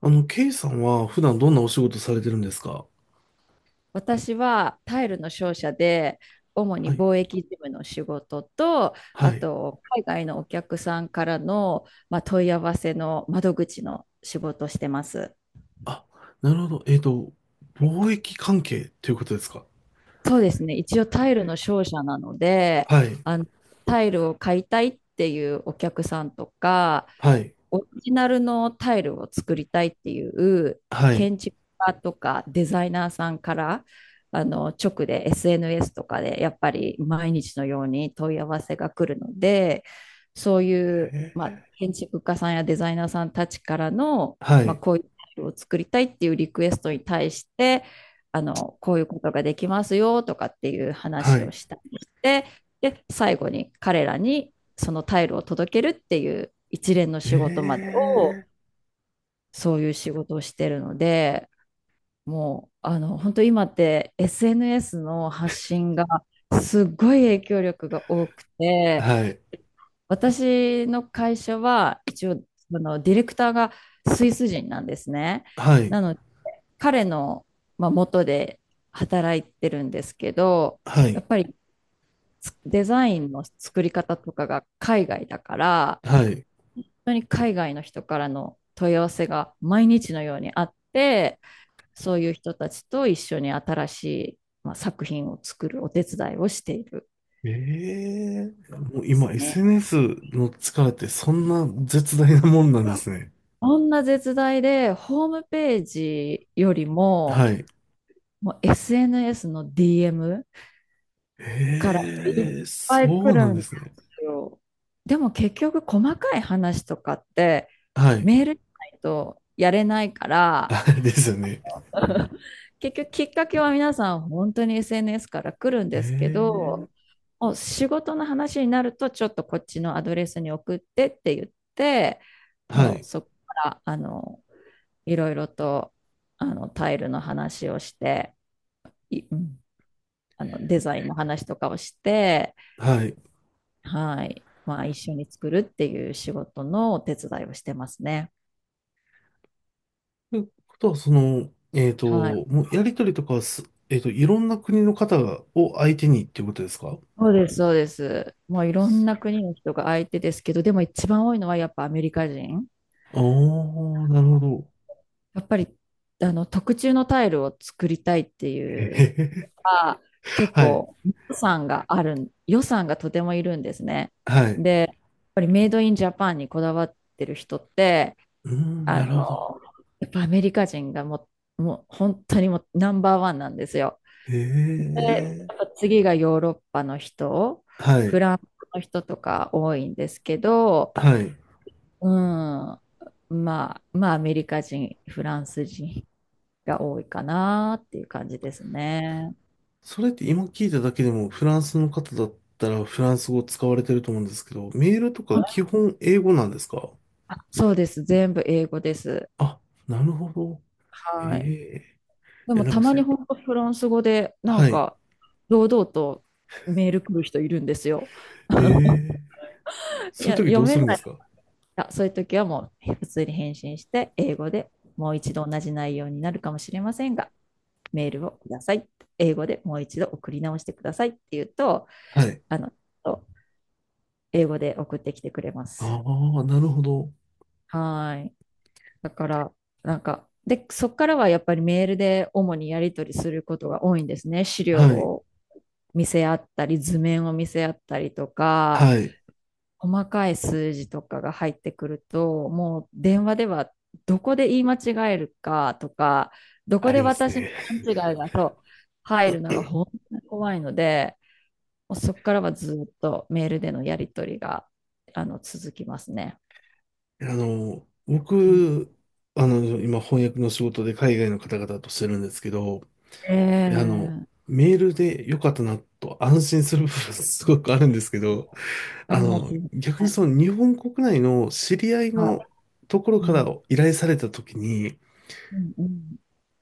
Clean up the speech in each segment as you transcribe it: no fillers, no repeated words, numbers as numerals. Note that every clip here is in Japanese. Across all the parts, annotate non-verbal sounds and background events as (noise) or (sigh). ケイさんは普段どんなお仕事されてるんですか？私はタイルの商社で主はにい。貿易事務の仕事と、あはい。と海外のお客さんからの、問い合わせの窓口の仕事をしてます。あ、なるほど。貿易関係ということですか？そうですね、一応タイルの商社なので、はい。あのタイルを買いたいっていうお客さんとか、はい。オリジナルのタイルを作りたいっていうはい。建築家とかデザイナーさんから直で SNS とかでやっぱり毎日のように問い合わせが来るので、そういう、へ建築家さんやデザイナーさんたちからの、ーはい。こういうタイルを作りたいっていうリクエストに対して、こういうことができますよとかっていうは話をい。したりして、で最後に彼らにそのタイルを届けるっていう一連のへ仕事までをえ。そういう仕事をしてるので、もう本当今って SNS の発信がすごい影響力が多くて、はい。私の会社は一応そのディレクターがスイス人なんですね。はい。なので彼の、元で働いてるんですけど、はやい。っぱりデザインの作り方とかが海外だから、はい。当に海外の人からの問い合わせが毎日のようにあって、そういう人たちと一緒に新しい、作品を作るお手伝いをしているええ。もうです今 ね。SNS の力ってそんな絶大なもんなんですね。こんな絶大で、ホームページよりも、はい。もう SNS の DM からいっええ、ぱいそ来うるなんんでですね。すよ。でも結局細かい話とかってはい。メールじゃないとやれないか (laughs) ら、あですよね。(laughs) 結局きっかけは皆さん本当に SNS から来るんえですけえ。ど、お仕事の話になるとちょっとこっちのアドレスに送ってって言って、はもうい。そこからいろいろとタイルの話をして、いうんデザインの話とかをして、はい。はい、まあ一緒に作るっていう仕事のお手伝いをしてますね。ということは、はい。もうやりとりとかはす、いろんな国の方がを相手にっていうことですか？そうです、そうです。もういろんな国の人が相手ですけど、でも一番多いのはやっぱアメリカ人。ああー、なるほど。やっぱり特注のタイルを作りたいってへいへうへ。か、結はい、構予算がとてもいるんですね。はい。で、やっぱりメイドインジャパンにこだわってる人って、うん、あなの、るほど。やっぱアメリカ人がもう本当にもうナンバーワンなんですよ。へで、やっぱえ。次がヨーロッパの人、はフい、ランスの人とか多いんですけど、はい。うん。アメリカ人、フランス人が多いかなっていう感じですね。それって今聞いただけでも、フランスの方だったらフランス語使われてると思うんですけど、メールとか基本英語なんですか？そうです。全部英語です。あ、なるほど。へはい。え。でいや、も、なんたかまそにう。本当フランス語で、はい。堂々とメール来る人いるんですよ。へ (laughs) え。いそういや、う時読どうめするんなでい。すか？あ、そういう時はもう、普通に返信して、英語でもう一度同じ内容になるかもしれませんが、メールをください。英語でもう一度送り直してくださいって言うと、はい。あの、英語で送ってきてくれまあす。あ、なるほど。はい。だから、で、そこからはやっぱりメールで主にやり取りすることが多いんですね。資料はい。を見せ合ったり、図面を見せ合ったりとか、はい。細かい数字とかが入ってくると、もう電話ではどこで言い間違えるかとか、どこあでります私のね。勘違いがそう入るのが本当に怖いので、もうそこからはずっとメールでのやり取りが続きますね。あの、うん、僕、あの、今翻訳の仕事で海外の方々としてるんですけど、えあの、え、メールで良かったなと安心する部分すごくあるんですけど、あありまの、すよね。逆にその日本国内の知り合いはのい。ところうからん。依頼された時に、うんうん。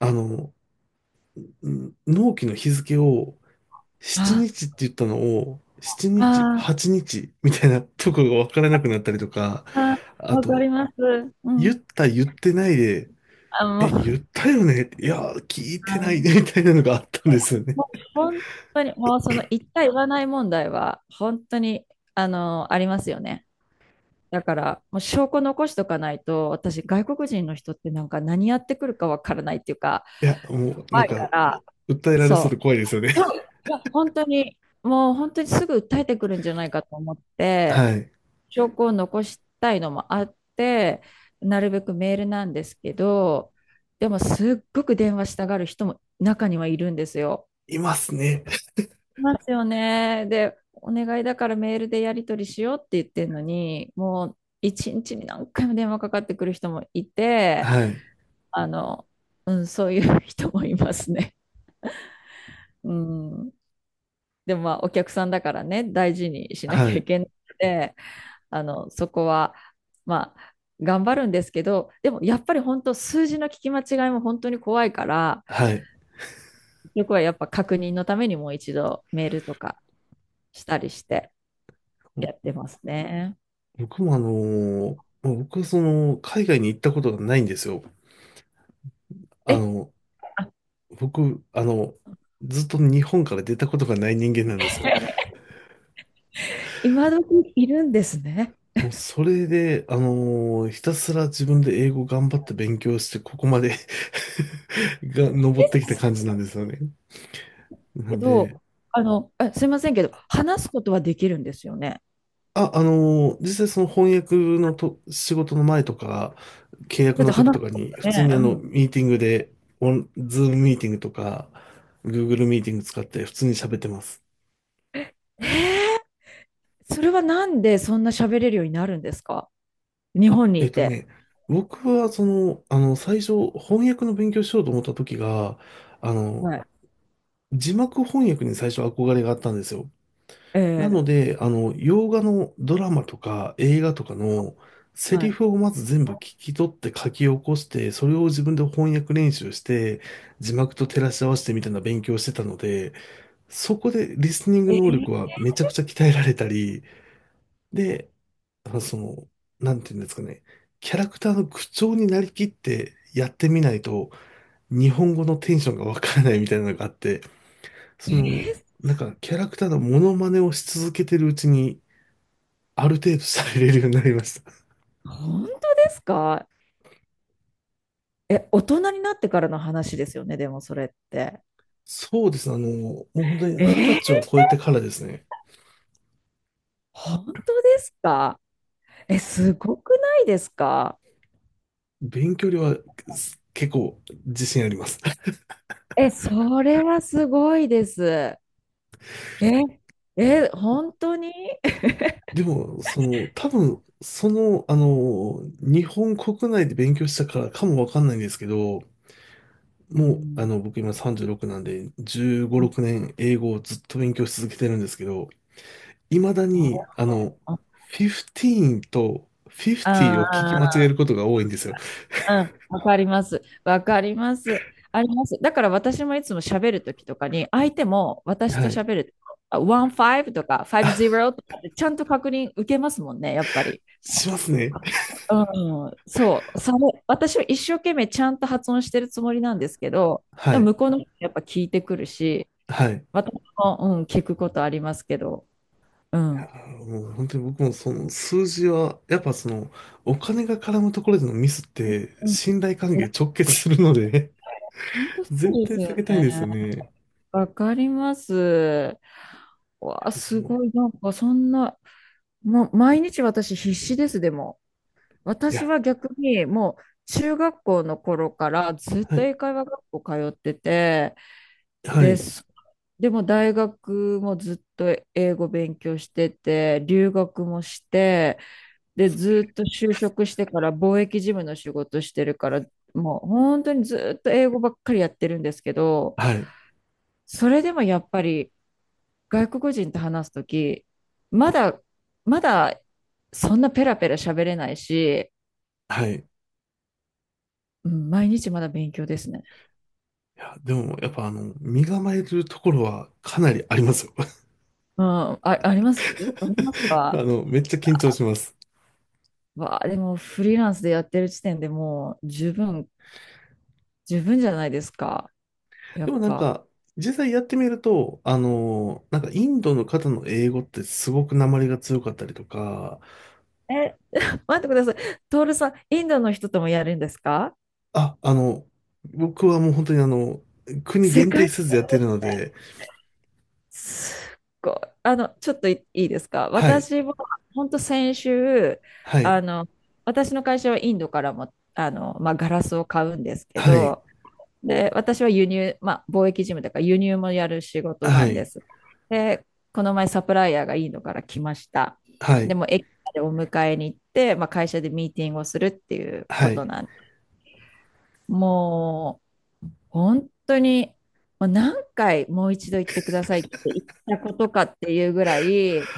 あの、納期の日付を7日あ、って言ったのを、7日、8あー、日みたいなところがわからなくなったりとか、あー、ああ、あわかと、ります。う言ん。った言ってないで、あ、もえ、言っう、たよねいや、聞いてあないの、ねみたいなのがあったんですよね。もう本当に、もうその言った言わない問題は、本当に、ありますよね。だから、もう証拠残しとかないと、私、外国人の人って何やってくるかわからないっていうか、いや、もう、な怖んいかか、ら、訴えられそうでそ怖いう。ですよね。そう。いや、本当に、もう本当にすぐ訴えてくるんじゃないかと思っ (laughs) て、はい。証拠を残したいのもあって、なるべくメールなんですけど、でもすっごく電話したがる人も中にはいるんですよ。いますね。いますよね。で、お願いだからメールでやり取りしようって言ってるのに、もう一日に何回も電話かかってくる人もいて、はい。あの、うん、そういう人もいますね。うん。でもまあお客さんだからね、大事にしなきゃはいい。けなくて、そこは、まあ、頑張るんですけど、でもやっぱり本当、数字の聞き間違いも本当に怖いから、はい。結局はやっぱ確認のためにもう一度メールとかしたりしてやってますね。僕も僕はその、海外に行ったことがないんですよ。あえ、の、あ、 僕、あの、ずっと日本から出たことがない人間なんですよ。(laughs) 今時いるんですね。もうそれで、あのーひたすら自分で英語頑張って勉強して、ここまで (laughs) が、登ってきた感じなんですよね。なけんで、ど、すいませんけど、話すことはできるんですよね。あ、あのー実際その翻訳のと仕事の前とか、契約だっての時話とすかこに、普と通ね。にあうの、ん、ミーティングで、オン、ズームミーティングとか、Google ミーティング使って普通に喋ってます。えそれはなんでそんな喋れるようになるんですか？日あ、本にえっいとて。ね、僕は最初、翻訳の勉強しようと思った時が、あの、はい。字幕翻訳に最初憧れがあったんですよ。えなのー、で、洋画のドラマとか映画とかのセはリい。フをまず全部聞き取って書き起こして、それを自分で翻訳練習して、字幕と照らし合わせてみたいな勉強をしてたので、そこでリスニング能力はめちゃくちゃ鍛えられたり、で、あその、なんていうんですかね、キャラクターの口調になりきってやってみないと、日本語のテンションがわからないみたいなのがあって、えその、ー、なんかキャラクターのモノマネをし続けてるうちに、ある程度されれるようになりました。本当ですか？え、大人になってからの話ですよね、でもそれって。そうですね。あの、もう本当にえ二十ー、歳は超えてからですね。本当ですか？え、すごくないですか？勉強量は結構自信あります。(laughs) え、それはすごいです。え、え、本当に。でも、多分、日本国内で勉強したからかもわかんないんですけど、うもう、あん。の、僕今36なんで、15、6年英語をずっと勉強し続けてるんですけど、未だあ、に、あの、15と50を聞き間違あ、あ。えることが多いんですよ。うん、わかります。わかります。あります。だから私もいつも喋るときとかに、相手も私はとい。喋ると、15とか50とかってちゃんと確認受けますもんね、やっぱり。しますね。うん、そう、それ、私は一生懸命ちゃんと発音してるつもりなんですけど、はでもい。向こうの人やっぱ聞いてくるし、はい。私も、うん、聞くことありますけど、うん。もう本当に僕もその数字は、やっぱその、お金が絡むところでのミスって、うん、信頼関係直結するので (laughs) 本当そ絶うで対す避よけたいんね。ですよね。いわかります。わや、あ、ですも、ごい、そんな、もう毎日私必死です、でも。い私や、は逆にもう中学校の頃からずっはとい、英会話学校通ってて、はで、い、でも大学もずっと英語勉強してて、留学もして、で、ずっと就職してから貿易事務の仕事してるから、もう本当にずっと英語ばっかりやってるんですけど、はい、それでもやっぱり外国人と話すとき、まだ、まだ、そんなペラペラ喋れないし、はい。いうん、毎日まだ勉強ですね。や、でも、やっぱあの、身構えるところはかなりありますよ。うん、あ、あります。あります (laughs) あか？の、めっちゃ緊張します。わあ、でもフリーランスでやってる時点でもう十分じゃないですか。やでっもなんぱ。か、実際やってみると、インドの方の英語ってすごく訛りが強かったりとか、え、待ってください。トールさん、インドの人ともやるんですか？あ、あの、僕はもう本当にあの、国世限定界せずやってるので、すっごい。ちょっといいいですか？はい、私は、本当先週、はあい、の、私の会社はインドからも、ガラスを買うんですけはい、ど、で、私は輸入、貿易事務だから輸入もやる仕事はなんでい、す。で、この前サプライヤーがインドから来ました。はでい、も、駅までお迎えに行って、まあ、会社でミーティングをするっていうはことい、なんも本当に、何回もう一度言ってくださいって言ったことかっていうぐらい、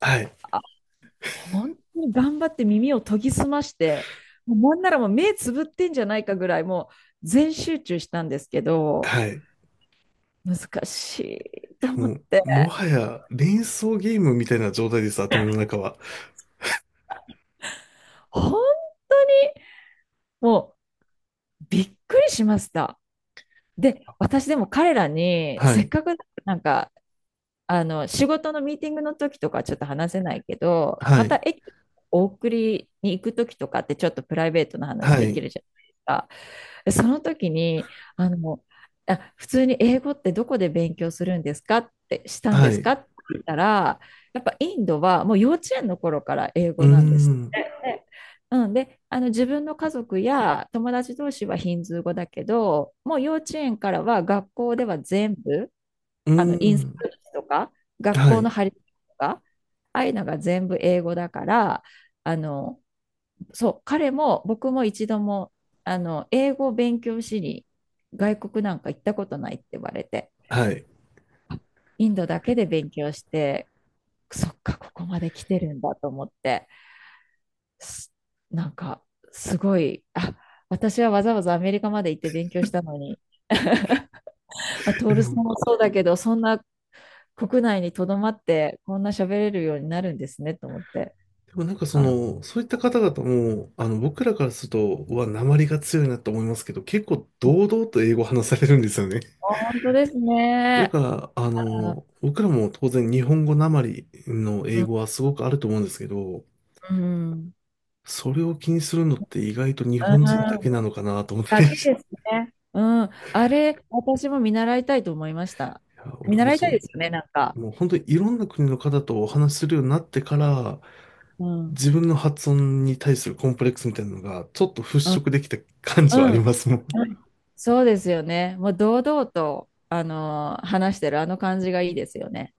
はい、あ、本当に頑張って耳を研ぎ澄まして、もうなんならもう目つぶってんじゃないかぐらい、もう全集中したんですけど、はい。難しいいとや思もっう、て、もはや連想ゲームみたいな状態です、頭の中は。本当にもうびっくりしました。で、私でも彼らに、はせっい、かくなんか仕事のミーティングの時とかはちょっと話せないけど、はまたい、駅、お送りに行く時とかってちょっとプライベートな話はできい、るじゃないですか。その時に、あの、普通に英語ってどこで勉強するんですかってしたんはでい、すうかって言ったら、やっぱインドはもう幼稚園の頃から英ー語なんですっん、て。うん、で、自分の家族や友達同士はヒンズー語だけど、もう幼稚園からは学校では全部うーインスん、タとか、学は校い、の張り紙とか、ああいうのが全部英語だから、あの、そう、彼も僕も一度も、英語を勉強しに外国なんか行ったことないって言われて、はい。インドだけで勉強して、そっか、ここまで来てるんだと思って、すなんか、すごい、あ、私はわざわざアメリカまで行って勉強したのに、あ、トえーでルさも、んもそうだけど、そんな国内にとどまって、こんな喋れるようになるんですねと思って。でもなんかそあ、の、そういった方々も、あの、僕らからすると、うわ、訛りが強いなと思いますけど、結構堂々と英語話されるんですよね。本当ですだね。から、ああ、の、僕らも当然日本語なまりのう英ん、語はすごくあると思うんですけど、うんうん。それを気にするのって意外と日本人だけなのかなと思っただり、(laughs) いけですね。うん、あれ、私も見習いたいと思いました。や、見僕も習いそたいの、ですよね、なんか。もう本当にいろんな国の方とお話しするようになってから、うん、自分の発音に対するコンプレックスみたいなのがちょっとうん、払拭できた感じはあうん、りますもん。うん、そうですよね。もう堂々と、話してるあの感じがいいですよね。